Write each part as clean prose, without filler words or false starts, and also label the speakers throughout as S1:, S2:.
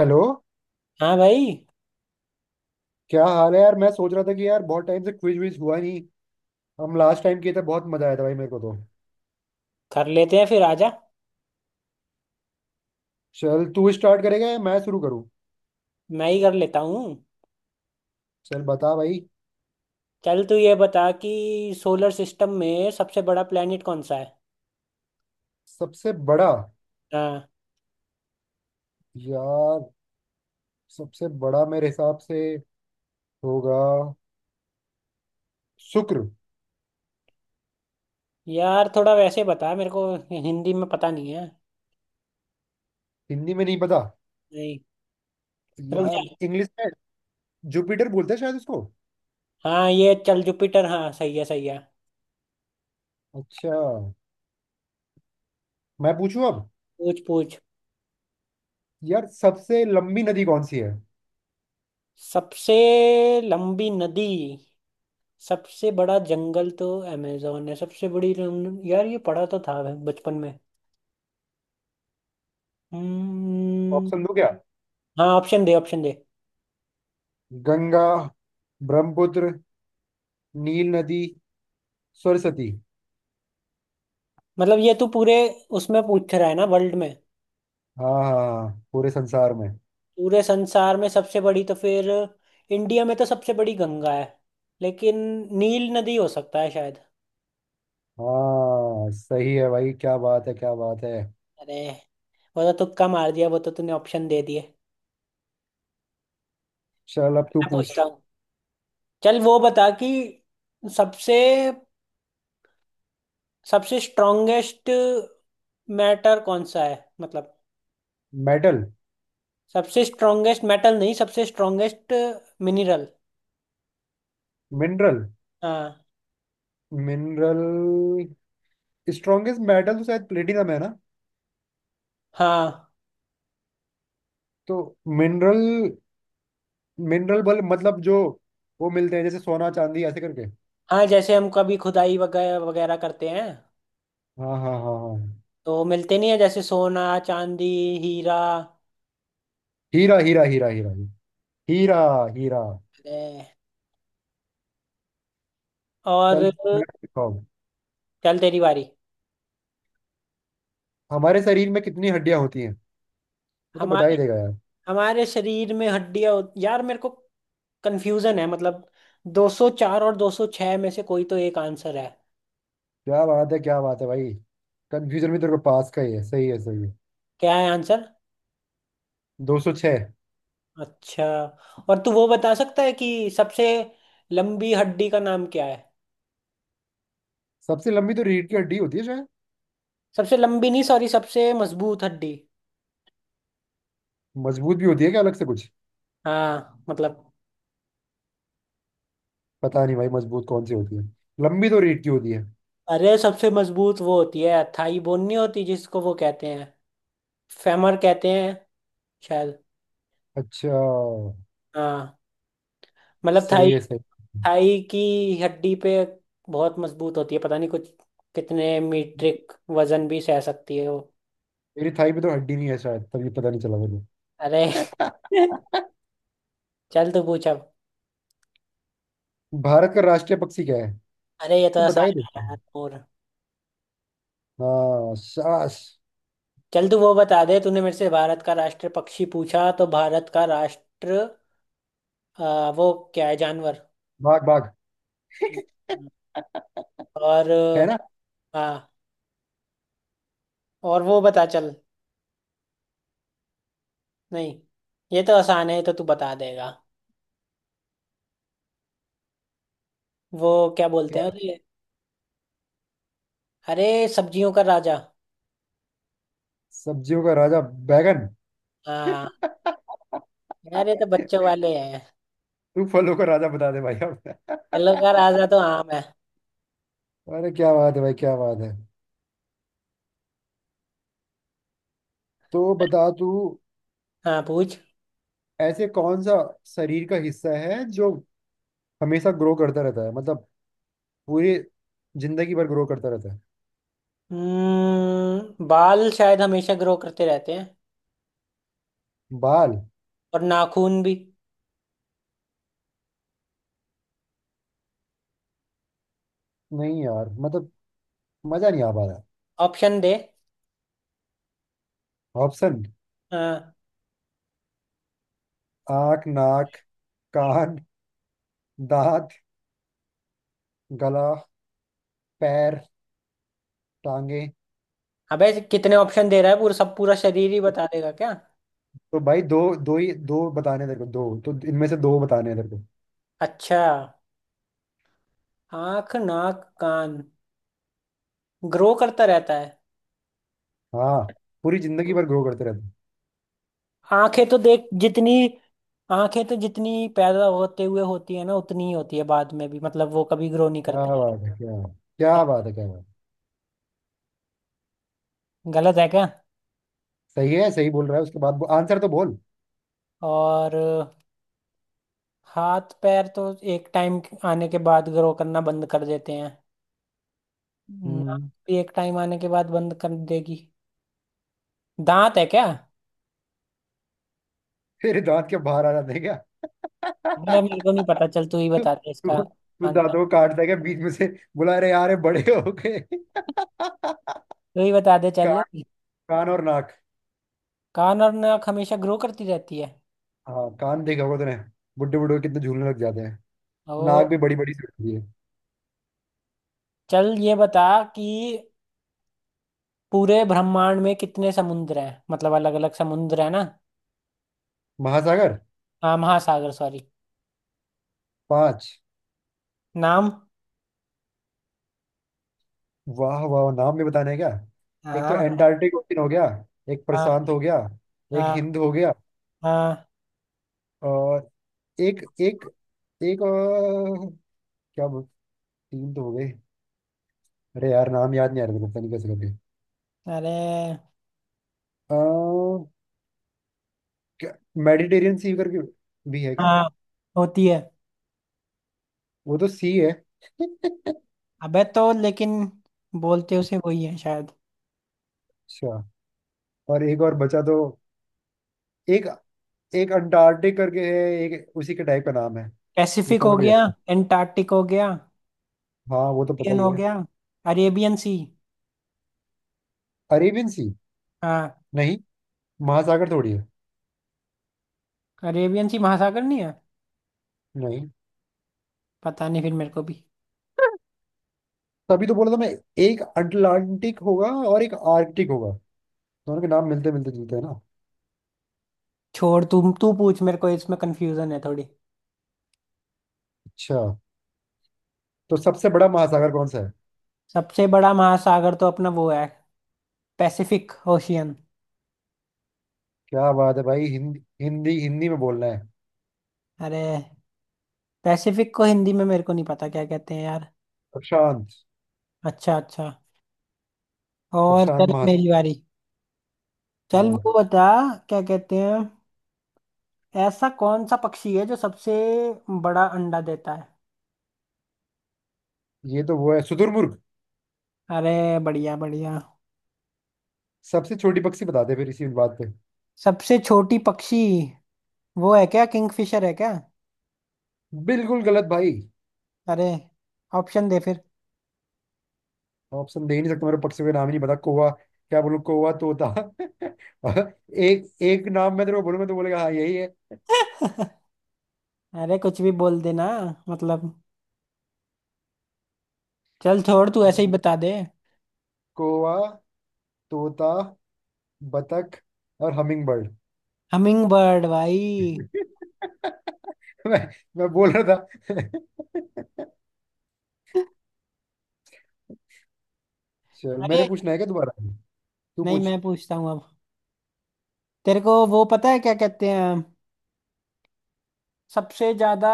S1: Hello.
S2: हाँ भाई।
S1: क्या हाल है यार? मैं सोच रहा था कि यार बहुत टाइम से क्विज विज हुआ नहीं। हम लास्ट टाइम किए थे, बहुत मजा आया था भाई मेरे को तो।
S2: कर लेते हैं, फिर आजा।
S1: चल, तू स्टार्ट करेगा या मैं शुरू करूँ?
S2: मैं ही कर लेता हूँ।
S1: चल बता भाई।
S2: चल, तू ये बता कि सोलर सिस्टम में सबसे बड़ा प्लेनेट कौन सा है?
S1: सबसे बड़ा?
S2: हाँ,
S1: यार, सबसे बड़ा मेरे हिसाब से होगा शुक्र।
S2: यार थोड़ा वैसे बता मेरे को, हिंदी में पता नहीं है।
S1: हिंदी में नहीं पता।
S2: नहीं, रुक
S1: यार
S2: जा।
S1: इंग्लिश में जुपिटर बोलते हैं शायद उसको।
S2: हाँ, ये चल जुपिटर। हाँ सही है, सही है।
S1: अच्छा। मैं पूछूं अब।
S2: पूछ पूछ।
S1: यार सबसे लंबी नदी कौन सी है?
S2: सबसे लंबी नदी। सबसे बड़ा जंगल तो अमेजोन है। सबसे बड़ी रम- यार ये पढ़ा तो था मैं बचपन में। हम्म।
S1: ऑप्शन दो क्या?
S2: हाँ, ऑप्शन दे, ऑप्शन दे।
S1: गंगा, ब्रह्मपुत्र, नील नदी, सरस्वती।
S2: मतलब ये तू पूरे उसमें पूछ रहा है ना, वर्ल्ड में?
S1: हाँ हाँ, पूरे संसार में।
S2: पूरे संसार में सबसे बड़ी तो फिर, इंडिया में तो सबसे बड़ी गंगा है, लेकिन नील नदी हो सकता है शायद।
S1: हाँ सही है भाई, क्या बात है क्या बात है।
S2: अरे, वो तो तुक्का मार दिया, वो तो तूने ऑप्शन दे दिए।
S1: चल अब तू
S2: मैं
S1: पूछ।
S2: पूछता हूँ। चल, वो बता कि सबसे सबसे स्ट्रॉन्गेस्ट मैटर कौन सा है, मतलब?
S1: मेटल।
S2: सबसे स्ट्रॉन्गेस्ट मेटल नहीं, सबसे स्ट्रॉन्गेस्ट मिनरल।
S1: मिनरल।
S2: हाँ।
S1: मिनरल स्ट्रॉन्गेस्ट मेटल तो शायद प्लेटिनम है ना।
S2: हाँ
S1: तो मिनरल, मिनरल बल मतलब जो वो मिलते हैं जैसे सोना चांदी ऐसे करके।
S2: हाँ, जैसे हम कभी खुदाई वगैरह वगैरह करते हैं,
S1: हाँ हाँ हाँ हाँ।
S2: तो मिलते नहीं है जैसे सोना चांदी, हीरा।
S1: हीरा हीरा हीरा हीरा। हीरा। हीरा।
S2: अरे, और
S1: चल मैं पूछता हूँ।
S2: चल तेरी बारी।
S1: हमारे शरीर में कितनी हड्डियां होती हैं? मैं तो बता
S2: हमारे
S1: ही देगा यार।
S2: हमारे शरीर में हड्डियां होत- यार मेरे को कंफ्यूजन है मतलब, 204 और 206 में से कोई तो एक आंसर है।
S1: क्या बात है भाई, कंफ्यूजन भी तेरे को पास का ही है। सही है सही है।
S2: क्या है आंसर?
S1: 206।
S2: अच्छा। और तू वो बता सकता है कि सबसे लंबी हड्डी का नाम क्या है?
S1: सबसे लंबी तो रीढ़ की हड्डी होती है शायद।
S2: सबसे लंबी नहीं, सॉरी, सबसे मजबूत हड्डी।
S1: मजबूत भी होती है क्या अलग से कुछ?
S2: हाँ, मतलब।
S1: पता नहीं भाई मजबूत कौन सी होती है। लंबी तो रीढ़ की होती है।
S2: अरे, सबसे मजबूत वो होती है थाई बोन, नहीं होती जिसको वो कहते हैं, फेमर कहते हैं शायद।
S1: अच्छा।
S2: हाँ, मतलब थाई।
S1: सही है, सही है।
S2: थाई की हड्डी पे, बहुत मजबूत होती है, पता नहीं कुछ कितने मीट्रिक वजन भी सह सकती है वो।
S1: मेरी थाई में तो हड्डी नहीं है शायद, तभी पता नहीं चला मुझे।
S2: अरे। चल तू पूछ अब।
S1: भारत का राष्ट्रीय पक्षी क्या है?
S2: अरे ये तो
S1: तो बता
S2: आसान
S1: ही
S2: है
S1: देते
S2: यार,
S1: हैं।
S2: और
S1: हाँ शाबाश।
S2: चल तू वो बता दे, तूने मेरे से भारत का राष्ट्र पक्षी पूछा, तो भारत का राष्ट्र वो क्या है, जानवर?
S1: बाघ बाघ।
S2: और
S1: है ना।
S2: हाँ। और वो बता चल, नहीं ये तो आसान है, ये तो तू बता देगा। वो क्या बोलते हैं
S1: क्या?
S2: उसे? अरे, सब्जियों का राजा।
S1: सब्जियों का राजा। बैगन।
S2: हाँ। यार ये तो बच्चों वाले हैं।
S1: तू फलों का राजा बता दे भाई
S2: घायल
S1: अब।
S2: राजा तो आम है।
S1: अरे क्या बात है भाई क्या बात है। तो बता तू।
S2: हाँ पूछ।
S1: ऐसे कौन सा शरीर का हिस्सा है जो हमेशा ग्रो करता रहता है, मतलब पूरी जिंदगी भर ग्रो करता रहता है?
S2: हम्म, बाल शायद हमेशा ग्रो करते रहते हैं,
S1: बाल।
S2: और नाखून भी।
S1: नहीं यार, मतलब मजा नहीं आ पा रहा।
S2: ऑप्शन दे।
S1: ऑप्शन।
S2: हाँ।
S1: आंख, नाक, कान, दांत, गला, पैर, टांगे।
S2: अबे कितने ऑप्शन दे रहा है? पूरा सब, पूरा शरीर ही बता देगा क्या?
S1: तो भाई दो, दो ही दो बताने हैं तेरे को, दो तो इनमें से दो बताने हैं तेरे को।
S2: अच्छा। आंख नाक कान ग्रो करता रहता है?
S1: हाँ पूरी जिंदगी भर ग्रो करते रहते हैं।
S2: आंखें तो देख जितनी, आंखें तो जितनी पैदा होते हुए होती है ना, उतनी ही होती है बाद में भी, मतलब वो कभी ग्रो नहीं
S1: क्या
S2: करती।
S1: बात है क्या, क्या बात है क्या बात है।
S2: गलत है क्या?
S1: सही है, सही बोल रहा है। उसके बाद आंसर तो बोल।
S2: और हाथ पैर तो एक टाइम आने के बाद ग्रो करना बंद कर देते हैं। नाक
S1: हम्म,
S2: भी एक टाइम आने के बाद बंद कर देगी। दांत है क्या?
S1: फिर दांत के बाहर आ जाते हैं क्या?
S2: मैं, मेरे को नहीं पता, चल तू ही
S1: तू
S2: बता दे इसका
S1: तू
S2: आंसर।
S1: दांतों को काटता है क्या बीच में से? बुला रहे यार ये बड़े हो गए।
S2: तू ही बता दे चल।
S1: कान कान और नाक।
S2: कान और नाक हमेशा ग्रो करती रहती है।
S1: हाँ कान देखा होगा तूने, बुड्ढे बुड्ढे कितने झूलने लग जाते हैं।
S2: ओ।
S1: नाक भी बड़ी बड़ी सी होती है।
S2: चल ये बता कि पूरे ब्रह्मांड में कितने समुद्र हैं, मतलब अलग अलग समुद्र है ना।
S1: महासागर।
S2: हाँ महासागर, सॉरी।
S1: पांच।
S2: नाम।
S1: वाह वाह, नाम भी बताने हैं क्या? एक तो
S2: हाँ
S1: एंटार्क्टिक ओशन हो गया, एक
S2: हाँ
S1: प्रशांत हो गया, एक
S2: हाँ
S1: हिंद हो गया,
S2: हाँ।
S1: और एक एक एक और, क्या बोल। तीन तो हो गए। अरे यार नाम याद नहीं आ रहा मेरे को, पता नहीं कैसे करके।
S2: अरे।
S1: आ, क्या मेडिटेरियन सी करके भी है क्या?
S2: हाँ होती है।
S1: वो तो सी है।
S2: अबे तो लेकिन बोलते उसे वही है शायद।
S1: अच्छा। और एक और बचा तो, एक एक अंटार्कटिक करके है, एक उसी के टाइप का नाम है
S2: पैसिफिक
S1: जितना
S2: हो
S1: मेरे को याद
S2: गया,
S1: है।
S2: एंटार्कटिक हो गया,
S1: हाँ वो तो पता
S2: इंडियन
S1: ही
S2: हो
S1: है।
S2: गया, अरेबियन सी।
S1: Arabian sea?
S2: हाँ,
S1: नहीं, महासागर थोड़ी है।
S2: अरेबियन सी महासागर नहीं है।
S1: नहीं,
S2: पता नहीं फिर मेरे को भी।
S1: तभी तो बोला था मैं। एक अटलांटिक होगा और एक आर्कटिक होगा, दोनों के नाम मिलते मिलते जुलते हैं ना।
S2: छोड़, तुम तू पूछ, मेरे को इसमें कंफ्यूजन है थोड़ी।
S1: अच्छा। तो सबसे बड़ा महासागर कौन सा है?
S2: सबसे बड़ा महासागर तो अपना वो है, पैसिफिक ओशियन।
S1: क्या बात है भाई, हिंदी हिंदी हिंदी में बोलना है।
S2: अरे, पैसिफिक को हिंदी में मेरे को नहीं पता क्या कहते हैं यार।
S1: प्रशांत।
S2: अच्छा अच्छा। और
S1: प्रशांत
S2: चल
S1: महात।
S2: मेरी बारी। चल वो
S1: हाँ
S2: बता, क्या कहते हैं, ऐसा कौन सा पक्षी है जो सबसे बड़ा अंडा देता है?
S1: ये तो वो है, शुतुरमुर्ग।
S2: अरे बढ़िया बढ़िया।
S1: सबसे छोटी पक्षी बता दे फिर इसी बात पे।
S2: सबसे छोटी पक्षी, वो है क्या, किंगफिशर है क्या?
S1: बिल्कुल गलत भाई।
S2: अरे, ऑप्शन दे फिर।
S1: ऑप्शन दे ही नहीं सकता, मेरे पक्षी का नाम ही नहीं पता। कौवा, क्या बोलूं? कौवा, तोता। एक एक नाम मैं तेरे को बोलूंगा तो बोलेगा हाँ यही है।
S2: अरे कुछ भी बोल देना मतलब, चल छोड़ तू ऐसे ही बता दे।
S1: कौवा, तोता, बतख और हमिंग बर्ड।
S2: हमिंग बर्ड भाई।
S1: मैं मैं बोल रहा था। चल, मैंने
S2: अरे,
S1: पूछना है क्या दोबारा? तू
S2: नहीं
S1: पूछ।
S2: मैं पूछता हूँ अब। तेरे को वो पता है क्या कहते हैं, सबसे ज्यादा,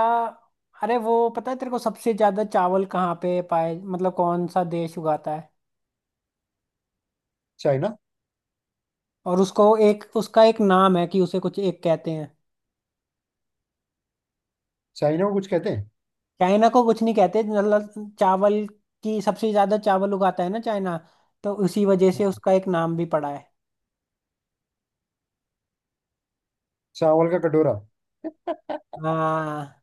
S2: अरे वो पता है तेरे को, सबसे ज्यादा चावल कहाँ पे पाए, मतलब कौन सा देश उगाता है?
S1: चाइना।
S2: और उसको एक, उसका एक नाम है कि उसे कुछ एक कहते हैं।
S1: चाइना को कुछ कहते हैं?
S2: चाइना को कुछ नहीं कहते, मतलब चावल की, सबसे ज्यादा चावल उगाता है ना चाइना, तो उसी वजह से उसका एक नाम भी पड़ा है।
S1: चावल का कटोरा।
S2: हाँ,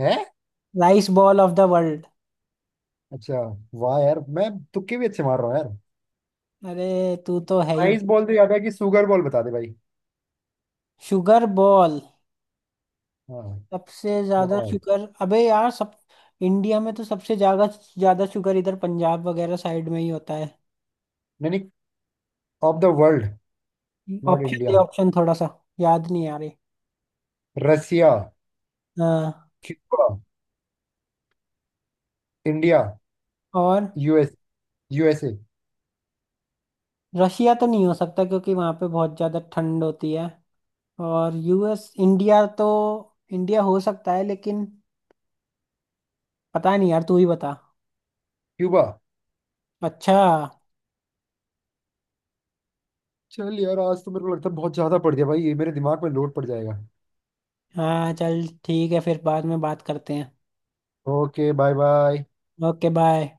S1: है।
S2: Rice bowl of the world.
S1: अच्छा। वाह यार, मैं तुक्के भी अच्छे मार रहा हूँ यार।
S2: अरे तू तो है ही।
S1: प्राइस बॉल तो याद है, कि सुगर बॉल बता दे भाई।
S2: शुगर बॉल,
S1: हाँ
S2: सबसे ज्यादा
S1: बॉल।
S2: शुगर, अबे यार सब, इंडिया में तो सबसे ज्यादा ज्यादा शुगर इधर पंजाब वगैरह साइड में ही होता है।
S1: नहीं नहीं, of the world, not
S2: option दे,
S1: इंडिया।
S2: ऑप्शन, थोड़ा सा याद नहीं आ रही।
S1: रसिया,
S2: हाँ,
S1: क्यूबा, इंडिया,
S2: और
S1: यूएस, यूएसए।
S2: रशिया तो नहीं हो सकता क्योंकि वहाँ पे बहुत ज़्यादा ठंड होती है। और यूएस इंडिया तो, इंडिया हो सकता है लेकिन, पता नहीं यार तू ही बता।
S1: क्यूबा।
S2: अच्छा।
S1: चल यार, आज तो मेरे को लगता है बहुत ज्यादा पड़ गया भाई, ये मेरे दिमाग में लोड पड़ जाएगा।
S2: हाँ चल ठीक है, फिर बाद में बात करते हैं।
S1: Okay bye bye.
S2: Okay bye.